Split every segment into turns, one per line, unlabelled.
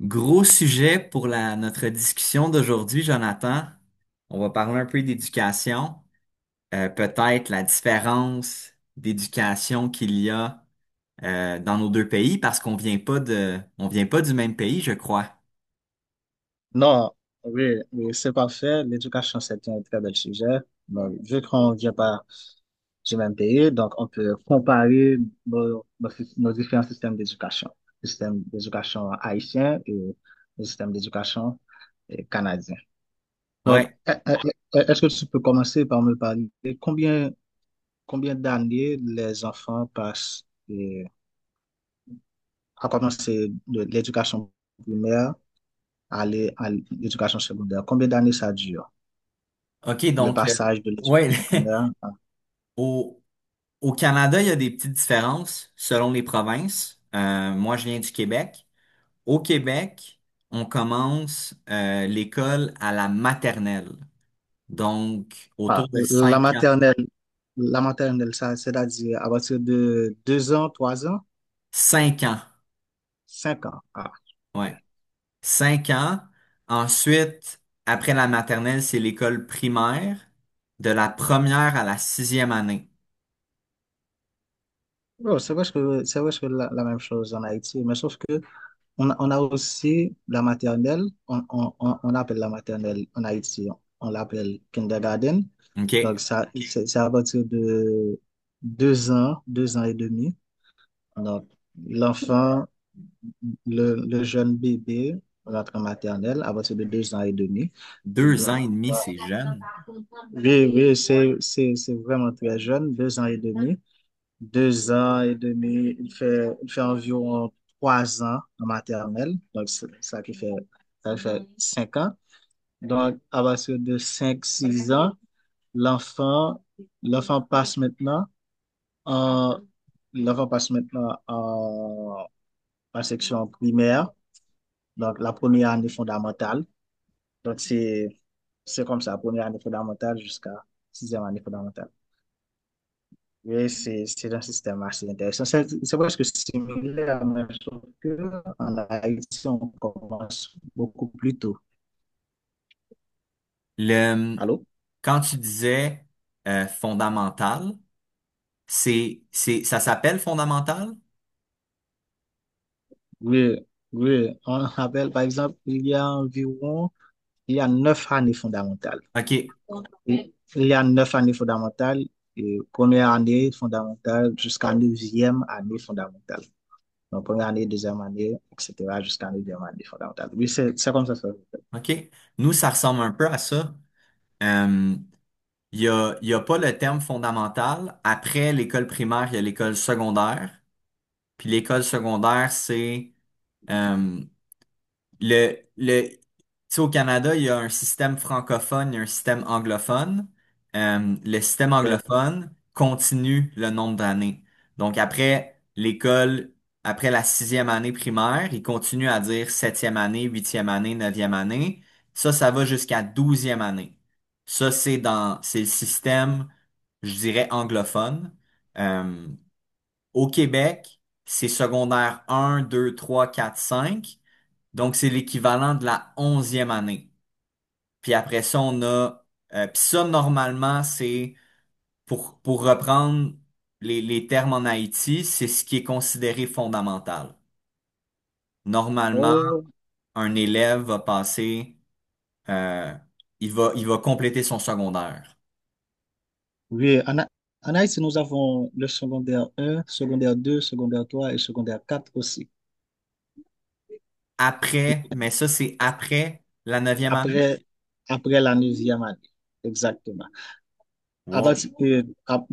Gros sujet pour notre discussion d'aujourd'hui, Jonathan. On va parler un peu d'éducation, peut-être la différence d'éducation qu'il y a dans nos deux pays parce qu'on vient pas de, on vient pas du même pays, je crois.
Non, oui, oui, c'est parfait. L'éducation, c'est un très bel sujet. Donc, vu qu'on vient pas du même pays, donc on peut comparer nos différents systèmes d'éducation. Le système d'éducation haïtien et le système d'éducation canadien. Donc,
Ouais.
est-ce que tu peux commencer par me parler de combien d'années les enfants passent euh, à commencer de l'éducation primaire à l'éducation secondaire? Combien d'années ça dure?
OK,
Le passage de
ouais,
l'école primaire
au, au Canada, il y a des petites différences selon les provinces. Moi, je viens du Québec. Au Québec, on commence l'école à la maternelle. Donc, autour
à
de
la
cinq ans.
maternelle. La maternelle, ça, c'est-à-dire à partir de deux ans, trois ans,
Cinq ans,
cinq ans. Ah, ok.
ouais. Cinq ans. Ensuite, après la maternelle, c'est l'école primaire, de la première à la sixième année.
Bon, c'est vrai que la même chose en Haïti, mais sauf que on a aussi la maternelle, on appelle la maternelle en Haïti, on l'appelle kindergarten. Donc
OK?
ça, c'est à partir de deux ans et demi. Donc l'enfant le jeune bébé rentre en maternelle à partir de deux ans et demi.
Deux ans
Donc,
et demi,
euh,
c'est jeune.
oui, c'est vraiment très jeune, deux ans et demi. Deux ans et demi, il fait environ trois ans en maternelle. Donc, c'est ça qui fait, ça fait cinq ans. Donc, à partir de cinq, six ans, l'enfant, l'enfant passe maintenant en, l'enfant passe maintenant en section primaire. Donc, la première année fondamentale. Donc, c'est comme ça, première année fondamentale jusqu'à sixième année fondamentale. Oui, c'est un système assez intéressant. C'est presque similaire, mais sauf que en Haïti, on commence beaucoup plus tôt.
Le,
Allô?
quand tu disais fondamental, ça s'appelle fondamental?
Oui, oui. On rappelle, par exemple, il y a neuf années fondamentales.
OK,
Il y a neuf années fondamentales, et première année fondamentale jusqu'à neuvième année fondamentale. Donc, première année, deuxième année, etc., jusqu'à la deuxième année fondamentale. Oui, c'est comme ça.
OK. Nous, ça ressemble un peu à ça. Euh, il y a pas le terme fondamental. Après l'école primaire, il y a l'école secondaire. Puis l'école secondaire, c'est euh, le... Tu sais, au Canada, il y a un système francophone et un système anglophone. Le système
Et,
anglophone continue le nombre d'années. Donc après l'école, après la sixième année primaire, il continue à dire septième année, huitième année, neuvième année. Ça va jusqu'à douzième année. Ça, c'est le système, je dirais, anglophone. Euh, au Québec, c'est secondaire 1, 2, 3, 4, 5. Donc, c'est l'équivalent de la onzième année. Puis après ça, on a... puis ça, normalement, c'est... pour reprendre les termes en Haïti, c'est ce qui est considéré fondamental. Normalement,
oh,
un élève va passer... euh, il va compléter son secondaire.
oui, en Haïti, nous avons le secondaire un, secondaire deux, secondaire 3 et secondaire quatre aussi.
Après, mais ça, c'est après la neuvième e année.
Après, après la neuvième année, exactement. À
Wow.
partir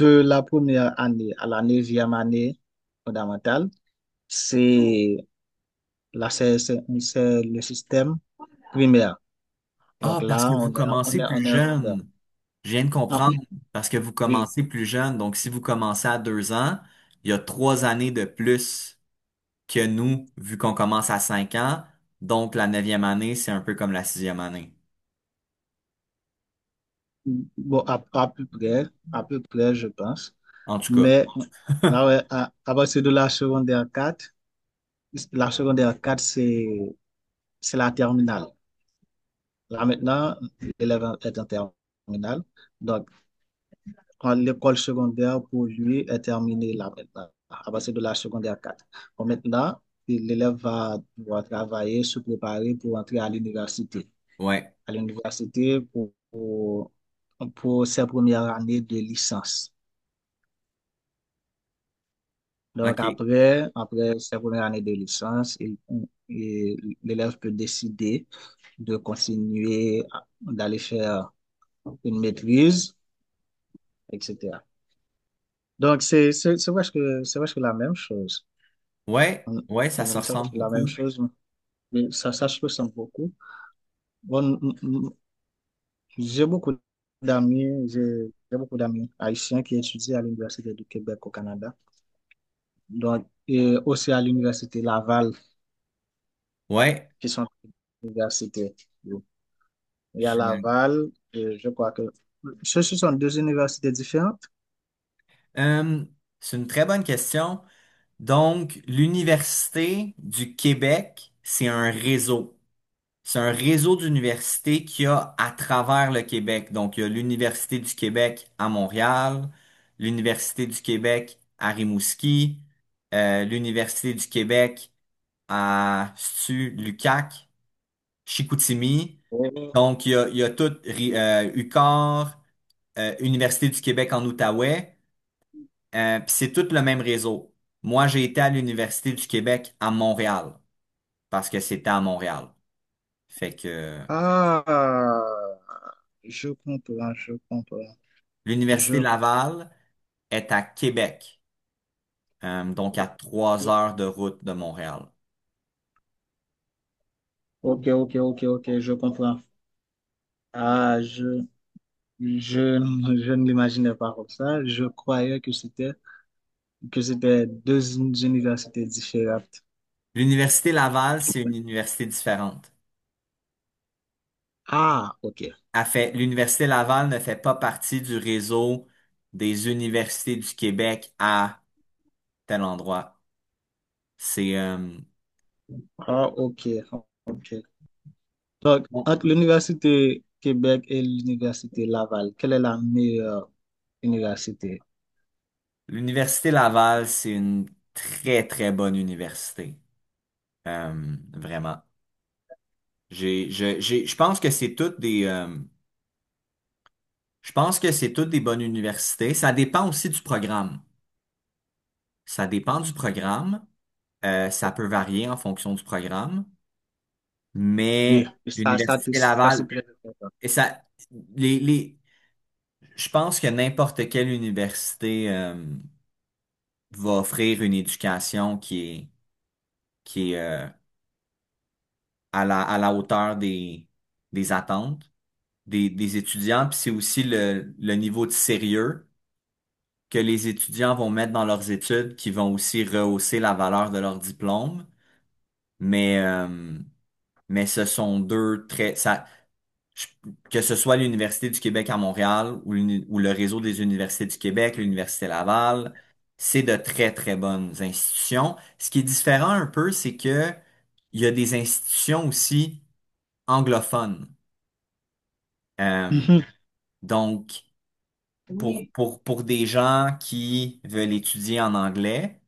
de la première année à la neuvième année fondamentale, c'est c'est le système primaire. Donc
Ah, parce
là,
que
on
vous
est,
commencez plus
on est en primaire.
jeune. Je viens de
Ah,
comprendre. Parce que vous
oui.
commencez plus jeune. Donc, si vous commencez à deux ans, il y a trois années de plus que nous, vu qu'on commence à cinq ans. Donc, la neuvième année, c'est un peu comme la sixième année.
Bon, à peu près, je pense.
En tout cas.
Mais ah ouais, à partir de la secondaire quatre, la secondaire 4 c'est, c'est la terminale. Là maintenant, l'élève est en terminale. Donc, quand l'école secondaire pour lui est terminée là maintenant, à partir de la secondaire quatre. Bon, maintenant, l'élève va devoir travailler, se préparer pour entrer à l'université.
Ouais.
À l'université pour ses premières années de licence. Donc
OK.
après, après sa première année de licence, l'élève peut décider de continuer, d'aller faire une maîtrise, etc. Donc c'est presque la même chose.
Ouais.
On-
Ouais, ça se
C'est
ressemble
presque la même
beaucoup.
chose, mais ça se ressent beaucoup. Bon, j'ai beaucoup j'ai beaucoup d'amis haïtiens qui étudient à l'Université du Québec au Canada, donc et aussi à l'Université Laval,
Ouais.
qui sont des universités. Il y a
Je-
Laval, et je crois que ce sont deux universités différentes.
Euh, c'est une très bonne question. Donc, l'Université du Québec, c'est un réseau. C'est un réseau d'universités qu'il y a à travers le Québec. Donc, il y a l'Université du Québec à Montréal, l'Université du Québec à Rimouski, l'Université du Québec à Stu, Lucac, Chicoutimi.
Oui.
Donc, il y a tout UQAR, Université du Québec en Outaouais, puis c'est tout le même réseau. Moi, j'ai été à l'Université du Québec à Montréal, parce que c'était à Montréal. Fait que
Ah, je comprends, je comprends. Je...
l'Université Laval est à Québec, donc à 3 heures de route de Montréal.
Ok, ok, ok, ok, je comprends. Ah, je, je ne l'imaginais pas comme ça. Je croyais que c'était deux universités différentes.
L'Université Laval, c'est une université différente.
Ah, ok.
l'Université Laval ne fait pas partie du réseau des universités du Québec à tel endroit. C'est,
Ah, ok, ok. Donc,
bon,
entre l'université Québec et l'université Laval, quelle est la meilleure université?
l'Université Laval, c'est une très, très bonne université. Vraiment. Je pense que c'est toutes des, je pense que c'est toutes des bonnes universités. Ça dépend aussi du programme. Ça dépend du programme. Ça peut varier en fonction du programme,
Oui,
mais l'Université
ça c'est
Laval,
très important.
et ça, les, les, je pense que n'importe quelle université va offrir une éducation qui est à la hauteur des attentes des étudiants. Puis c'est aussi le niveau de sérieux que les étudiants vont mettre dans leurs études qui vont aussi rehausser la valeur de leur diplôme. Mais, euh, mais ce sont deux très, ça, je- que ce soit l'Université du Québec à Montréal ou, l'uni- ou le réseau des universités du Québec, l'Université Laval, c'est de très, très bonnes institutions. Ce qui est différent un peu, c'est que il y a des institutions aussi anglophones. Euh,
Mhm.
donc, pour des gens qui veulent étudier en anglais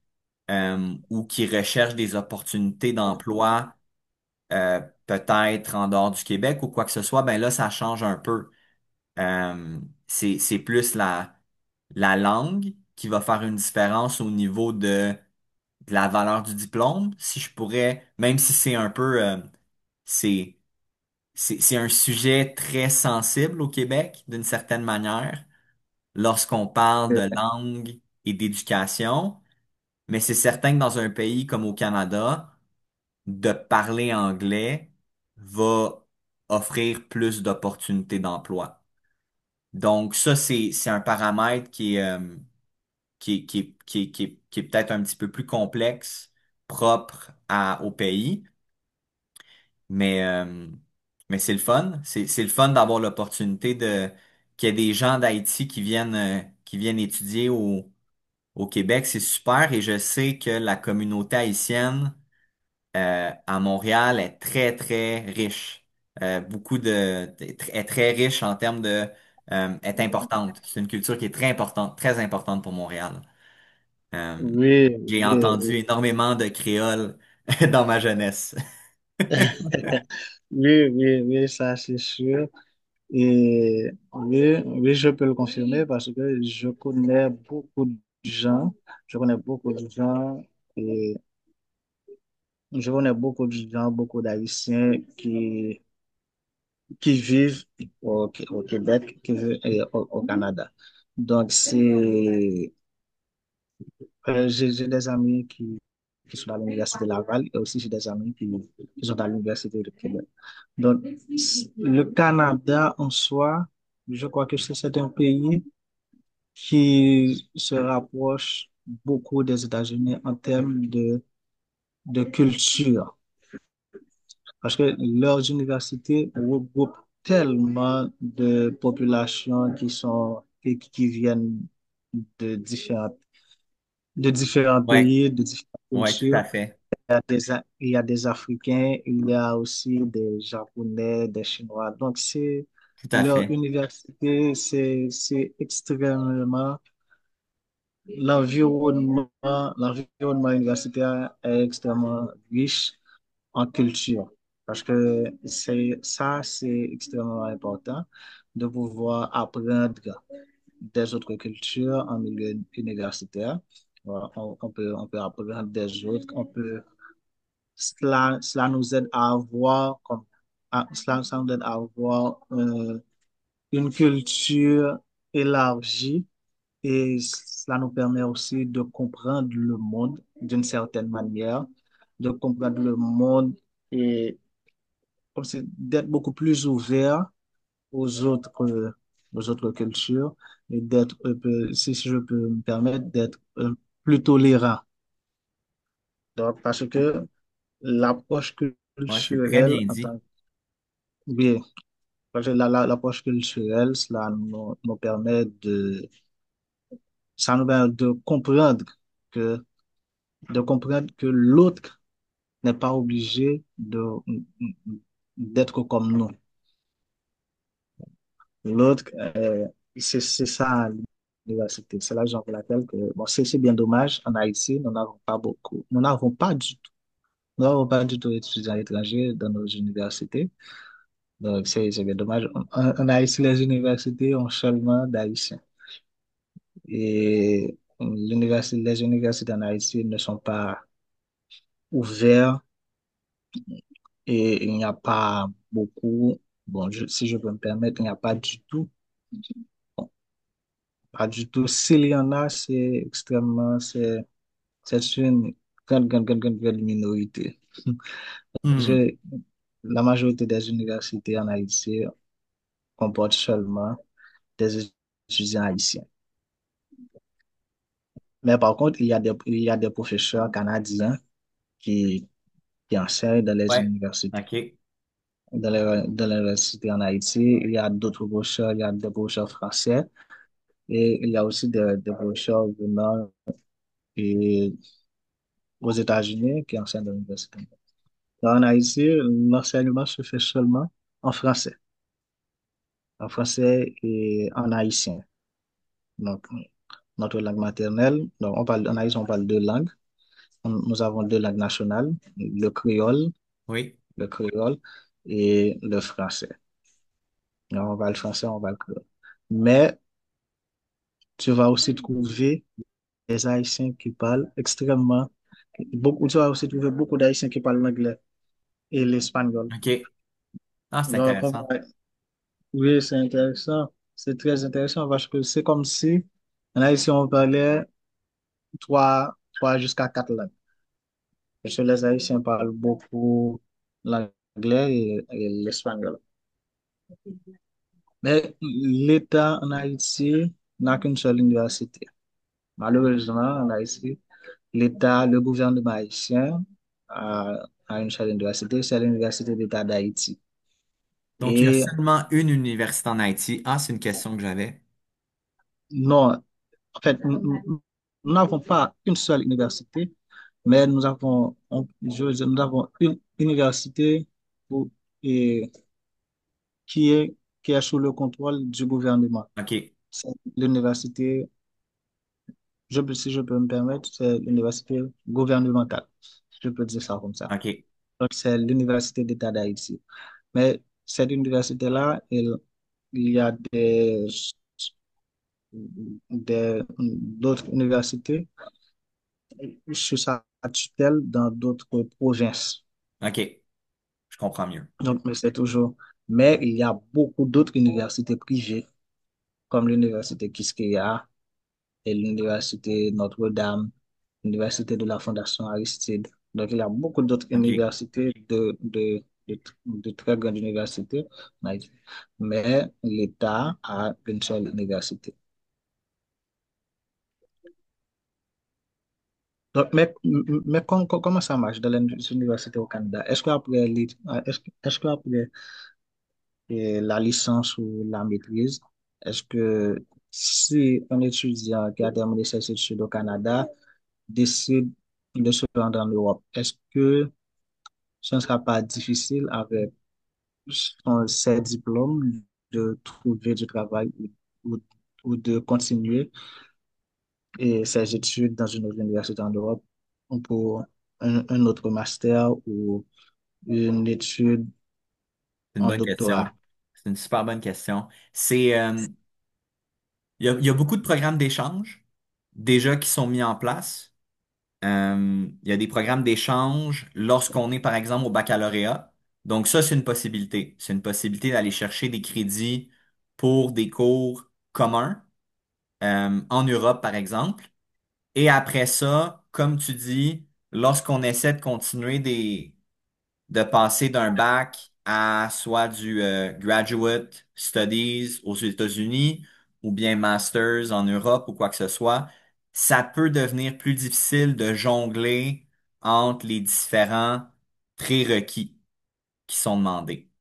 ou qui recherchent des opportunités d'emploi euh, peut-être en dehors du Québec ou quoi que ce soit, ben là, ça change un peu. Euh, c'est plus la, la langue qui va faire une différence au niveau de la valeur du diplôme. Si je pourrais, même si c'est un peu, c'est, c'est un sujet très sensible au Québec, d'une certaine manière, lorsqu'on parle
C'est
de
vrai.
langue et d'éducation, mais c'est certain que dans un pays comme au Canada, de parler anglais va offrir plus d'opportunités d'emploi. Donc ça, c'est un paramètre qui est, qui est peut-être un petit peu plus complexe, propre à, au pays, mais, euh, mais c'est le fun. C'est le fun d'avoir l'opportunité de qu'il y ait des gens d'Haïti qui viennent étudier au, au Québec. C'est super et je sais que la communauté haïtienne à Montréal est très, très riche. Est très riche en termes de, est importante. C'est une culture qui est très importante pour Montréal. Euh,
Oui,
j'ai
oui, oui.
entendu énormément de créoles dans ma jeunesse.
Oui, oui, oui, ça c'est sûr. Et oui, oui, je peux le confirmer parce que je connais beaucoup de gens, je connais beaucoup de gens et je connais beaucoup de gens, beaucoup d'Haïtiens qui, qui vivent au Québec, qui vivent et au Canada. Donc c'est. J'ai des amis qui sont à l'université Laval et aussi j'ai des amis qui sont à l'université de Québec. Donc, le Canada en soi, je crois que c'est un pays qui se rapproche beaucoup des États-Unis en termes de culture, parce que leurs universités regroupent tellement de populations qui viennent de de différents
Ouais,
pays, de différentes
ouais, tout à
cultures.
fait,
Il y a des Africains, il y a aussi des Japonais, des Chinois. Donc, c'est
tout à
leur
fait.
université, c'est extrêmement, l'environnement, l'environnement universitaire est extrêmement riche en culture. Parce que c'est extrêmement important de pouvoir apprendre des autres cultures en milieu universitaire. Voilà, on peut apprendre des autres, on peut cela, cela nous aide à avoir, comme, cela, ça nous aide à avoir une culture élargie et cela nous permet aussi de comprendre le monde d'une certaine manière, de comprendre le monde et comme c'est d'être beaucoup plus ouvert aux autres, euh, aux autres cultures et d'être, si si je peux me permettre, d'être plus tolérant. Donc, parce que l'approche
Ouais, c'est très
culturelle
bien
en
dit.
tant que. Parce que l'approche culturelle, cela nous permet ça nous permet de comprendre que, de comprendre que l'autre n'est pas obligé de, d'être comme nous. L'autre, c'est ça l'université. C'est la raison pour laquelle que, bon, c'est bien dommage. En Haïti, nous n'avons pas beaucoup. Nous n'avons pas du tout. Nous n'avons pas du tout d'étudiants étrangers dans nos universités. Donc, c'est bien dommage. En Haïti, les universités ont seulement d'Haïtiens. Et les universités en Haïti ne sont pas ouvertes et il n'y a pas beaucoup, bon, si je peux me permettre, il n'y a pas du tout, bon, pas du tout. S'il y en a, c'est une grande, grande, grande, grande, grande minorité.
Hmm,
Je- la majorité des universités en Haïti comportent seulement des étudiants haïtiens. Mais par contre, il y a des professeurs canadiens qui, qui enseignent dans les
ouais,
universités.
ok,
De l'université en Haïti. Il y a d'autres brochures, il y a des brochures français et il y a aussi des brochures venant et aux États-Unis qui enseignent à l'université. Là, en Haïti, l'enseignement se fait seulement en français, en français et en haïtien. Donc, notre langue maternelle, donc on parle, en Haïti, on parle deux langues. Nous avons deux langues nationales,
oui,
le créole et le français. Donc, on parle français, on parle créole. Mais tu vas aussi trouver les Haïtiens qui parlent extrêmement, beaucoup, tu vas aussi trouver beaucoup d'Haïtiens qui parlent l'anglais et l'espagnol.
ok. Ah, c'est
Donc,
intéressant.
oui, c'est intéressant, c'est très intéressant parce que c'est comme si en Haïti, on parlait trois jusqu'à quatre langues. Parce que les Haïtiens parlent beaucoup l'anglais et l'espagnol. Mais l'État en Haïti n'a qu'une seule université. Malheureusement, en Haïti, l'État, le gouvernement haïtien a une seule université, c'est l'Université d'État d'Haïti.
Donc, il y a
Et
seulement une université en Haïti. Ah, c'est une question que j'avais.
non, en fait, nous n'avons pas une seule université, mais nous avons, je veux dire, nous avons une université pour- et, qui est, qui est sous le contrôle du gouvernement.
Ok,
C'est l'université, si je peux me permettre, c'est l'université gouvernementale. Je peux dire ça comme ça.
ok,
Donc, c'est l'Université d'État d'Haïti. Mais cette université-là, elle, il y a des d'autres universités sous sa tutelle dans d'autres provinces.
ok, je comprends mieux.
Donc, mais c'est toujours. Mais il y a beaucoup d'autres universités privées, comme l'université Quisqueya et l'université Notre-Dame, l'université de la Fondation Aristide. Donc, il y a beaucoup d'autres
OK. C'est
universités de, de très grandes universités en Haïti. Mais l'État a une seule université. Donc, mais, comment ça marche dans les universités au Canada? Est-ce qu'après li- est-ce, que- est-ce qu'après la licence ou la maîtrise, est-ce que si un étudiant qui a terminé ses études au Canada décide de se rendre en Europe, est-ce que ce ne sera pas difficile avec ses diplômes de trouver du travail ou- ou de continuer et ses études dans une autre université en Europe pour un autre master ou une étude
une
en
bonne question.
doctorat.
C'est une super bonne question. C'est, il y a beaucoup de programmes d'échange déjà qui sont mis en place. Il y a des programmes d'échange lorsqu'on est, par exemple, au baccalauréat. Donc ça, c'est une possibilité. C'est une possibilité d'aller chercher des crédits pour des cours communs, en Europe, par exemple. Et après ça, comme tu dis, lorsqu'on essaie de continuer des, de passer d'un bac à soit du graduate studies aux États-Unis ou bien masters en Europe ou quoi que ce soit, ça peut devenir plus difficile de jongler entre les différents prérequis qui sont demandés.